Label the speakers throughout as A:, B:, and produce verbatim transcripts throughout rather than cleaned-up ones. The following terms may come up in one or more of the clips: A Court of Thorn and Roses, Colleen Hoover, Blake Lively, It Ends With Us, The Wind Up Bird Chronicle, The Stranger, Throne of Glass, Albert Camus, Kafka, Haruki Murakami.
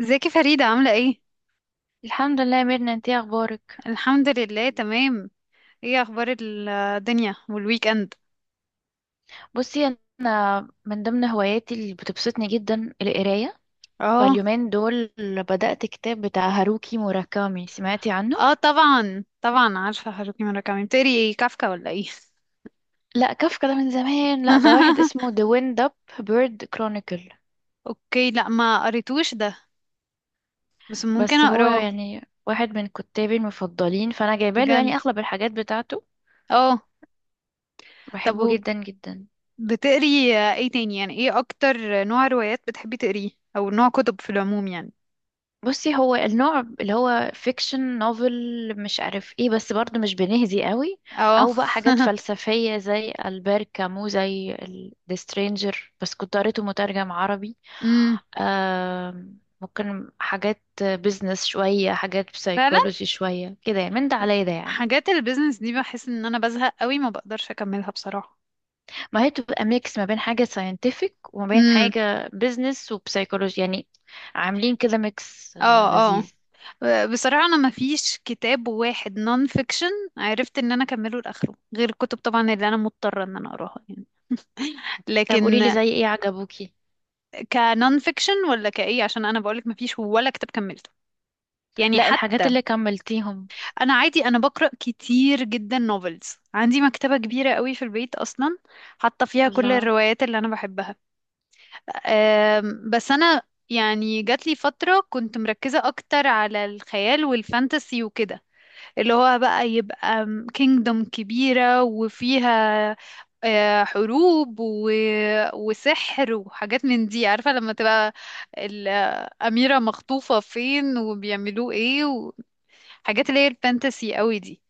A: ازيك يا فريدة عاملة ايه؟
B: الحمد لله يا ميرنا، انتي إيه اخبارك؟
A: الحمد لله تمام. ايه اخبار الدنيا والويك اند؟
B: بصي، انا من ضمن هواياتي اللي بتبسطني جدا القرايه.
A: اه.
B: فاليومين دول بدأت كتاب بتاع هاروكي موراكامي، سمعتي عنه؟
A: اه، طبعا طبعا عارفة هاروكي موراكامي بتقري ايه، كافكا ولا ايه؟
B: لا، كافكا ده من زمان، لا ده واحد اسمه The Wind Up Bird Chronicle.
A: اوكي، لا ما قريتوش ده، بس ممكن
B: بس هو
A: اقراه.
B: يعني واحد من كتابي المفضلين، فانا جايباله
A: بجد.
B: يعني اغلب الحاجات بتاعته.
A: اه. طب
B: بحبه
A: و-
B: جدا جدا.
A: بتقري ايه تاني؟ يعني ايه اكتر نوع روايات بتحبي تقريه، او نوع كتب في العموم يعني.
B: بصي، هو النوع اللي هو فيكشن نوفل، مش عارف ايه، بس برضه مش بنهزي قوي.
A: اه.
B: او بقى حاجات فلسفية زي ألبير كامو، زي ذا سترينجر، بس كنت قريته مترجم عربي.
A: امم.
B: آم، ممكن حاجات بيزنس شوية، حاجات
A: فعلا.
B: بسايكولوجي شوية، كده يعني من ده على ده يعني.
A: حاجات البيزنس دي بحس ان انا بزهق قوي، ما بقدرش اكملها بصراحة.
B: ما هي بتبقى ميكس ما بين حاجة ساينتفك وما بين
A: امم.
B: حاجة بيزنس وبسايكولوجي يعني، عاملين كده ميكس، آه،
A: اه.
B: لذيذ.
A: اه. بصراحة أنا ما فيش كتاب واحد نون فيكشن عرفت إن أنا أكمله لآخره، غير الكتب طبعا اللي أنا مضطرة إن أنا أقراها يعني.
B: طب قوليلي
A: لكن
B: زي ايه عجبوكي؟
A: كنون فيكشن ولا كإيه؟ عشان أنا بقولك ما فيش ولا كتاب كملته يعني
B: لا، الحاجات
A: حتى.
B: اللي كملتيهم.
A: أنا عادي أنا بقرأ كتير جدا نوفلز، عندي مكتبة كبيرة قوي في البيت أصلا، حاطة فيها كل
B: الله.
A: الروايات اللي أنا بحبها. أم، بس أنا يعني جات لي فترة كنت مركزة أكتر على الخيال والفانتسي وكده، اللي هو بقى يبقى كينجدوم كبيرة وفيها آه، حروب و... وسحر وحاجات من دي، عارفة لما تبقى الأميرة مخطوفة فين وبيعملوا ايه، وحاجات اللي هي الفانتسي قوي دي.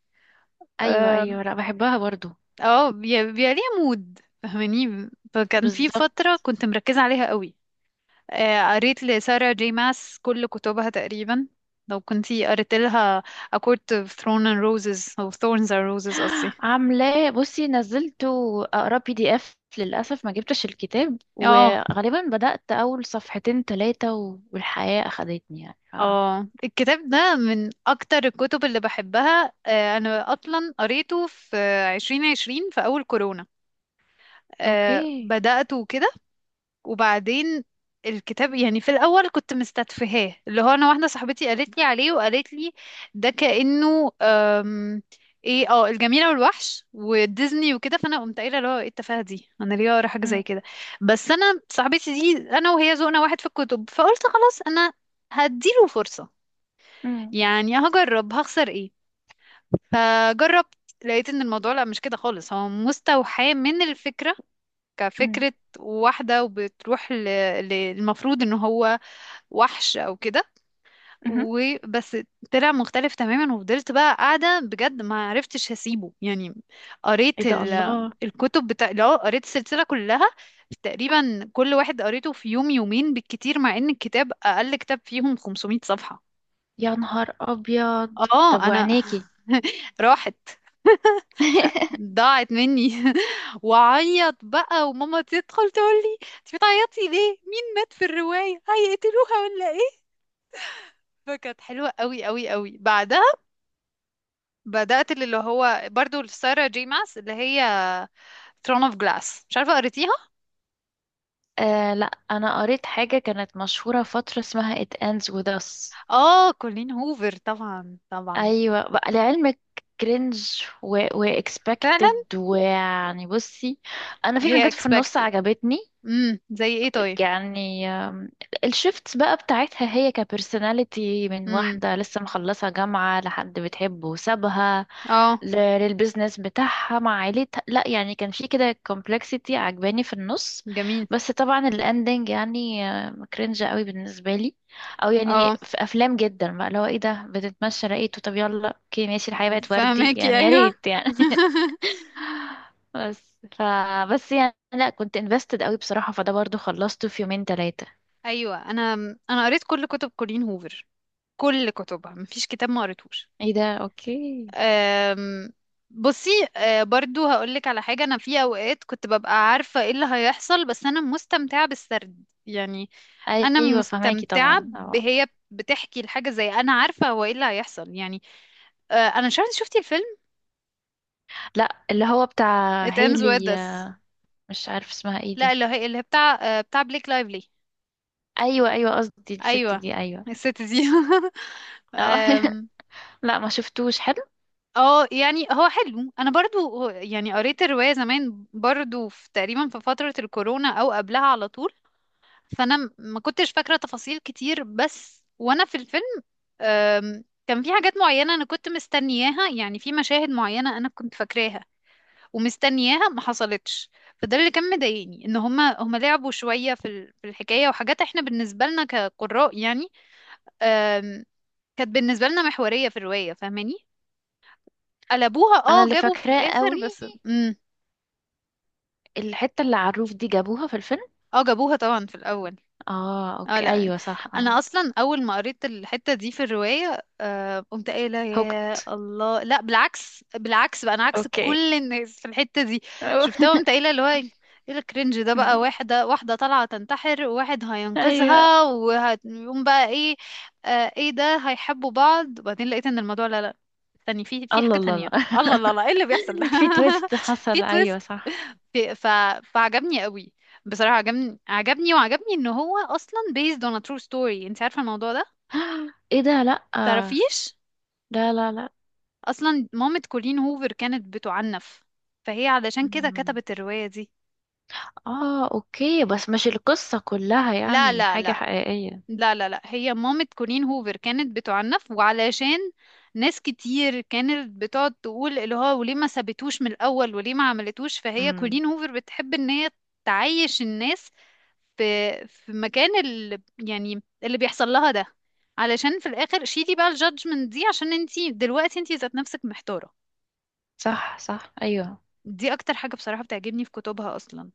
B: ايوه
A: اه.
B: ايوه، لا بحبها برضو.
A: آه، بي- بيبقى ليها مود، فاهماني؟ فكان في
B: بالظبط.
A: فترة كنت مركزة عليها قوي. آه، قريت لسارة جي ماس كل كتبها تقريبا، لو كنتي قريت لها A Court of Thorn and Roses أو Thorns and Roses قصدي.
B: عاملاه، بصي نزلت اقرا بي دي اف للاسف، ما جبتش الكتاب،
A: اه.
B: وغالبا بدات اول صفحتين ثلاثه والحياه اخدتني يعني ف...
A: اه. الكتاب ده من اكتر الكتب اللي بحبها. آه، انا اصلا قريته في عشرين عشرين في اول كورونا. آه،
B: اوكي.
A: بدأته كده، وبعدين الكتاب يعني في الاول كنت مستتفهاه، اللي هو انا واحده صاحبتي قالت لي عليه، وقالت لي ده كأنه آم، ايه، اه الجميله والوحش وديزني وكده، فانا قمت قايله اللي هو ايه التفاهه دي، انا ليه اقرا حاجه
B: أم،
A: زي كده. بس انا صاحبتي دي انا وهي ذوقنا واحد في الكتب، فقلت خلاص انا هديله فرصة،
B: أم،
A: يعني هجرب، هخسر ايه. فجربت، لقيت ان الموضوع لا، مش كده خالص، هو مستوحاه من الفكرة،
B: أم،
A: كفكرة واحدة وبتروح ل- للمفروض ان هو وحش او كده
B: مهم.
A: وبس. طلع مختلف تماما، وفضلت بقى قاعدة بجد ما عرفتش هسيبه يعني.
B: ايه
A: قريت
B: ده،
A: ال-
B: الله.
A: الكتب بتاع، لا قريت السلسلة كلها تقريبا، كل واحد قريته في يوم يومين بالكتير، مع ان الكتاب اقل كتاب فيهم خمسمائة صفحة.
B: يا نهار ابيض. طب
A: اه انا.
B: وعينيكي؟
A: راحت، ضاعت مني. وعيط بقى، وماما تدخل تقول لي انت بتعيطي ليه، مين مات في الرواية، هيقتلوها ولا ايه. فكانت حلوة قوي قوي قوي. بعدها بدأت اللي هو برضو لسارة جي ماس اللي هي ثرون اوف جلاس، مش عارفة قريتيها.
B: آه لا، انا قريت حاجه كانت مشهوره فتره اسمها It Ends With Us.
A: اه، كولين هوفر طبعا طبعا.
B: ايوه بقى لعلمك، كرنج و...
A: فعلا.
B: واكسبكتد، ويعني بصي انا في
A: هي
B: حاجات في النص
A: expected.
B: عجبتني.
A: امم، زي ايه طيب؟
B: يعني آم، الشيفت بقى بتاعتها هي كبرسوناليتي من
A: امم.
B: واحدة لسه مخلصة جامعة لحد بتحبه وسابها
A: اه،
B: ل- للبيزنس بتاعها مع عيلتها. لا يعني كان في كده كومبلكسيتي عجباني في النص.
A: جميل.
B: بس طبعا الاندنج يعني كرنج قوي بالنسبة لي. او يعني
A: اه،
B: في افلام جدا بقى لو ايه ده بتتمشى لقيته، طب يلا اوكي ماشي، الحياة بقت وردي
A: فهماكي،
B: يعني، يا
A: ايوه.
B: ريت يعني. بس ف بس يعني لا، كنت invested قوي بصراحة، فده برضو خلصته في يومين ثلاثة.
A: ايوه انا. انا قريت كل كتب كولين هوفر، كل كتبها مفيش كتاب ما قريتهوش.
B: ايه ده، اوكي.
A: أم، بصي. أه، برضو هقولك على حاجه، انا في اوقات كنت ببقى عارفه ايه اللي هيحصل بس انا مستمتعه بالسرد يعني، انا
B: ايوه فهماكي
A: مستمتعه
B: طبعا، اه.
A: بهي بتحكي الحاجه، زي انا عارفه هو ايه اللي هيحصل يعني. أه، انا مش عارفه إنت شفتي الفيلم
B: لا اللي هو بتاع
A: It Ends With
B: هيلي،
A: Us؟
B: آه، مش عارف اسمها ايه
A: لا،
B: دي.
A: اللي هي اللي هي بتاع أه، بتاع بليك لايفلي.
B: ايوه ايوه، قصدي الست
A: ايوه،
B: دي، ايوه.
A: الست دي.
B: اه.
A: أم،
B: لا، ما شفتوش، حلو.
A: اه، يعني هو حلو، انا برضو هو- يعني قريت الرواية زمان برضو في تقريبا في فترة الكورونا او قبلها على طول. فانا م- ما كنتش فاكرة تفاصيل كتير، بس وانا في الفيلم آم، كان في حاجات معينة انا كنت مستنياها، يعني في مشاهد معينة انا كنت فاكراها ومستنياها، ما حصلتش. فده اللي كان مضايقني، ان هما هما لعبوا شوية في ال- في الحكاية، وحاجات احنا بالنسبة لنا كقراء يعني آم، كانت بالنسبة لنا محورية في الرواية، فاهماني. قلبوها،
B: انا
A: اه
B: اللي
A: جابوا في
B: فاكراه
A: الاخر،
B: قوي
A: بس مم.
B: الحتة اللي على الروف دي، جابوها في الفيلم.
A: اه، جابوها طبعا في الاول.
B: اه
A: اه،
B: اوكي،
A: لا
B: ايوه صح، اه.
A: انا اصلا اول ما قريت الحته دي في الروايه آه قمت قايله يا
B: هوكت.
A: الله، لا بالعكس، بالعكس بقى، انا عكس
B: اوكي.
A: كل الناس في الحته دي.
B: أوه.
A: شفتها قمت قايله اللي هو ايه الكرنج ده بقى، واحده واحده طالعه تنتحر، وواحد
B: ايوه.
A: هينقذها، وهيقوم بقى ايه، آه ايه ده، هيحبوا بعض. وبعدين لقيت ان الموضوع لا لا، تاني في في
B: الله
A: حاجه
B: الله
A: تانية،
B: الله،
A: الله الله الله ايه اللي بيحصل ده.
B: في تويست
A: في
B: حصل ايوه
A: تويست.
B: صح.
A: في- ف... فعجبني قوي. بصراحة عجبني، عجبني، وعجبني ان هو اصلا based on a true story. انت عارفة الموضوع ده؟
B: ايه ده، لا.
A: تعرفيش؟
B: لا لا لا.
A: اصلا مامة كولين هوفر كانت بتعنف، فهي علشان كده
B: مم.
A: كتبت الرواية دي.
B: اه اوكي، بس مش القصة كلها
A: لا
B: يعني
A: لا
B: حاجة
A: لا.
B: حقيقية؟
A: لا لا لا، هي مامة كولين هوفر كانت بتعنف، وعلشان ناس كتير كانت بتقعد تقول اللي هو وليه ما سابتوش من الأول وليه ما عملتوش، فهي
B: امم.
A: كولين هوفر بتحب ان هي تعيش الناس في في مكان اللي يعني اللي بيحصل لها ده، علشان في الآخر شيلي بقى الجادجمنت دي، عشان انتي دلوقتي انتي ذات نفسك محتارة.
B: صح صح، ايوه.
A: دي أكتر حاجة بصراحة بتعجبني في كتبها أصلا،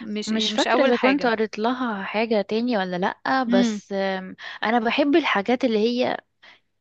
A: مش يعني
B: مش
A: مش
B: فاكرة
A: أول
B: اذا كنت
A: حاجة.
B: قريت لها حاجة تاني ولا لأ،
A: امم.
B: بس آم، انا بحب الحاجات اللي هي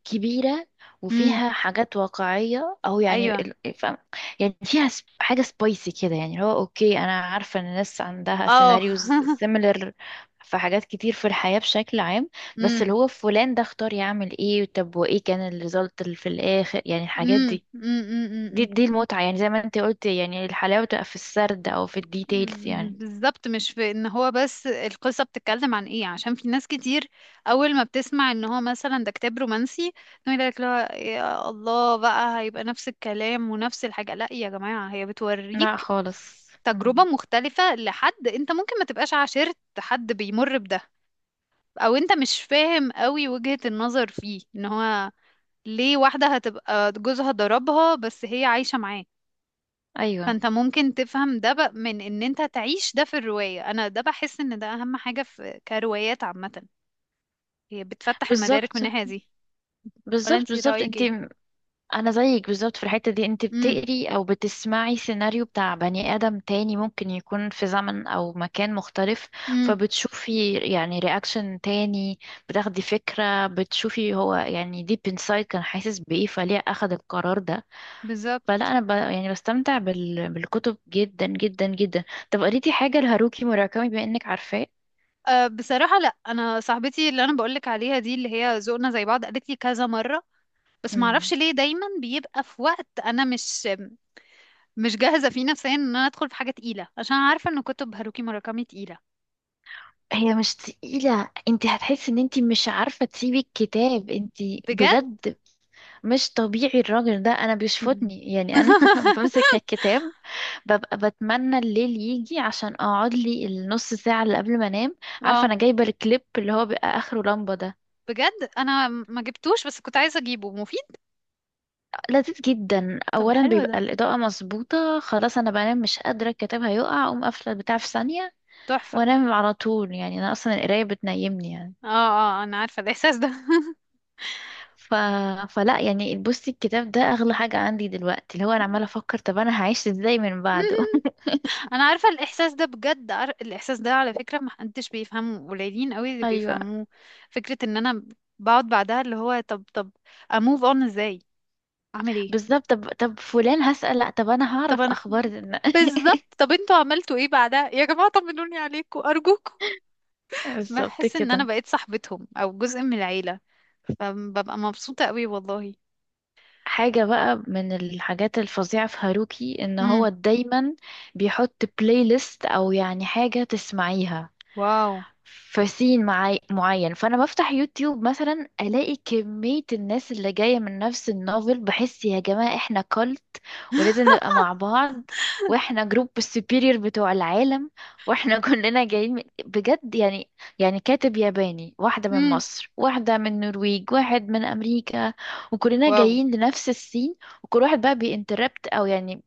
B: كبيرة،
A: امم.
B: وفيها حاجات واقعية أو يعني
A: أيوه.
B: ال- فاهم يعني. فيها سب- حاجة سبايسي كده يعني. هو أوكي، أنا عارفة إن الناس عندها
A: اه.
B: سيناريوز سيميلر في حاجات كتير في الحياة بشكل عام.
A: مم.
B: بس اللي هو فلان ده اختار يعمل ايه؟ طب وإيه كان الريزلت اللي في الآخر؟ يعني الحاجات
A: امم.
B: دي،
A: امم. امم، امم،
B: دي
A: امم،
B: دي المتعة يعني. زي ما انت قلت، يعني الحلاوة تبقى في السرد أو في الديتيلز
A: امم، امم،
B: يعني.
A: بالظبط، مش في ان هو بس القصة بتتكلم عن ايه، عشان في ناس كتير اول ما بتسمع ان هو مثلا ده كتاب رومانسي تقول لك لا يا الله، بقى هيبقى نفس الكلام ونفس الحاجة، لا يا جماعة هي
B: لا
A: بتوريك
B: خالص.
A: تجربة
B: مم.
A: مختلفة، لحد انت ممكن ما تبقاش عاشرت حد بيمر بده، او انت مش فاهم قوي وجهة النظر فيه، ان هو ليه واحدة هتبقى جوزها ضربها بس هي عايشة معاه.
B: أيوه.
A: فانت ممكن تفهم ده بق- من ان انت تعيش ده في الرواية، انا ده بحس ان ده اهم حاجة في كروايات عامة، هي بتفتح المدارك
B: بالظبط،
A: من الناحية دي. ولا
B: بالظبط
A: انت
B: بالظبط
A: رأيك
B: انت.
A: ايه؟
B: انا زيك بالظبط في الحتة دي. انت
A: امم.
B: بتقري او بتسمعي سيناريو بتاع بني ادم تاني، ممكن يكون في زمن او مكان مختلف،
A: امم.
B: فبتشوفي يعني رياكشن تاني، بتاخدي فكرة، بتشوفي هو يعني ديب انسايد كان حاسس بايه، فليه اخد القرار ده.
A: بالظبط.
B: فلا انا ب... يعني بستمتع بال... بالكتب جدا جدا جدا. طب قريتي حاجة لهاروكي موراكامي بما انك عارفاه؟
A: أه بصراحة لا، انا صاحبتي اللي انا بقولك عليها دي اللي هي ذوقنا زي بعض قالت لي كذا مرة، بس معرفش
B: مم.
A: ليه دايما بيبقى في وقت انا مش مش جاهزة فيه نفسيا ان انا ادخل في حاجة تقيلة، عشان عارفة ان كتب هاروكي موراكامي تقيلة.
B: هي مش تقيلة، انت هتحسي ان انت مش عارفة تسيبي الكتاب. انت؟
A: بجد.
B: بجد. مش طبيعي الراجل ده، انا
A: مم.
B: بيشفطني يعني، انا بمسك الكتاب، ببقى بتمنى الليل يجي عشان اقعد لي النص ساعة اللي قبل ما انام. عارفة
A: اه،
B: انا جايبة الكليب اللي هو بيبقى اخره لمبة ده؟
A: بجد انا م- ما جبتوش، بس كنت عايزه اجيبه مفيد.
B: لذيذ جدا.
A: طب
B: اولا
A: حلو
B: بيبقى
A: ده،
B: الاضاءة مظبوطة، خلاص انا بنام مش قادرة، الكتاب هيقع، اقوم قافلة البتاع في ثانية
A: تحفه.
B: وانام على طول. يعني انا اصلا القراية بتنيمني يعني
A: اه. اه، انا عارفه الاحساس ده.
B: ف... فلا يعني، بصي، الكتاب ده اغلى حاجة عندي دلوقتي، اللي هو انا عمالة افكر طب انا هعيش ازاي من بعده.
A: انا عارفه الاحساس ده بجد، عار... الاحساس ده على فكره ما حدش بيفهمه، قليلين قوي اللي
B: ايوه
A: بيفهموه. فكره ان انا بقعد بعدها اللي هو، طب طب اموف اون ازاي، اعمل ايه.
B: بالظبط. طب طب فلان هسأل لأ، طب أنا
A: طب
B: هعرف
A: انا.
B: أخبار إن-
A: بالظبط، طب انتوا عملتوا ايه بعدها يا جماعه، طمنوني عليكم ارجوكم.
B: بالظبط
A: بحس ان انا
B: كده.
A: بقيت صاحبتهم او جزء من العيله، فببقى مبسوطه قوي والله.
B: حاجة بقى من الحاجات الفظيعة في هاروكي إن
A: امم.
B: هو دايما بيحط بلاي ليست أو يعني حاجة تسمعيها
A: واو.
B: في سين معي معين. فانا بفتح يوتيوب مثلا، الاقي كمية الناس اللي جاية من نفس النوفل، بحس يا جماعة احنا كولت، ولازم نبقى مع بعض، واحنا جروب السوبيريور بتوع العالم، واحنا كلنا جايين من- بجد يعني. يعني كاتب ياباني، واحدة من
A: امم.
B: مصر، واحدة من النرويج، واحد من امريكا، وكلنا
A: واو.
B: جايين لنفس السين، وكل واحد بقى بينتربت او يعني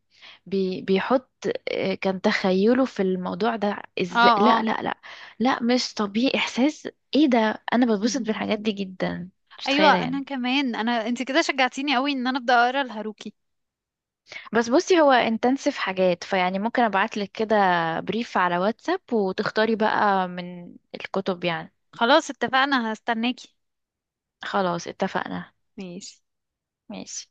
B: بي بيحط، آه، كان تخيله في الموضوع ده
A: اه.
B: ازاي. لا
A: اه.
B: لا لا، لا مش طبيعي احساس. ايه ده، انا بتبسط بالحاجات دي جدا، مش متخيله
A: ايوه
B: يعني.
A: انا كمان، انا انت كده شجعتيني قوي ان انا ابدا اقرا الهاروكي.
B: بس بصي هو انتنسيف حاجات، فيعني ممكن ابعتلك كده بريف على واتساب، وتختاري بقى من الكتب يعني.
A: خلاص اتفقنا، هستناكي.
B: خلاص اتفقنا.
A: ماشي.
B: ماشي.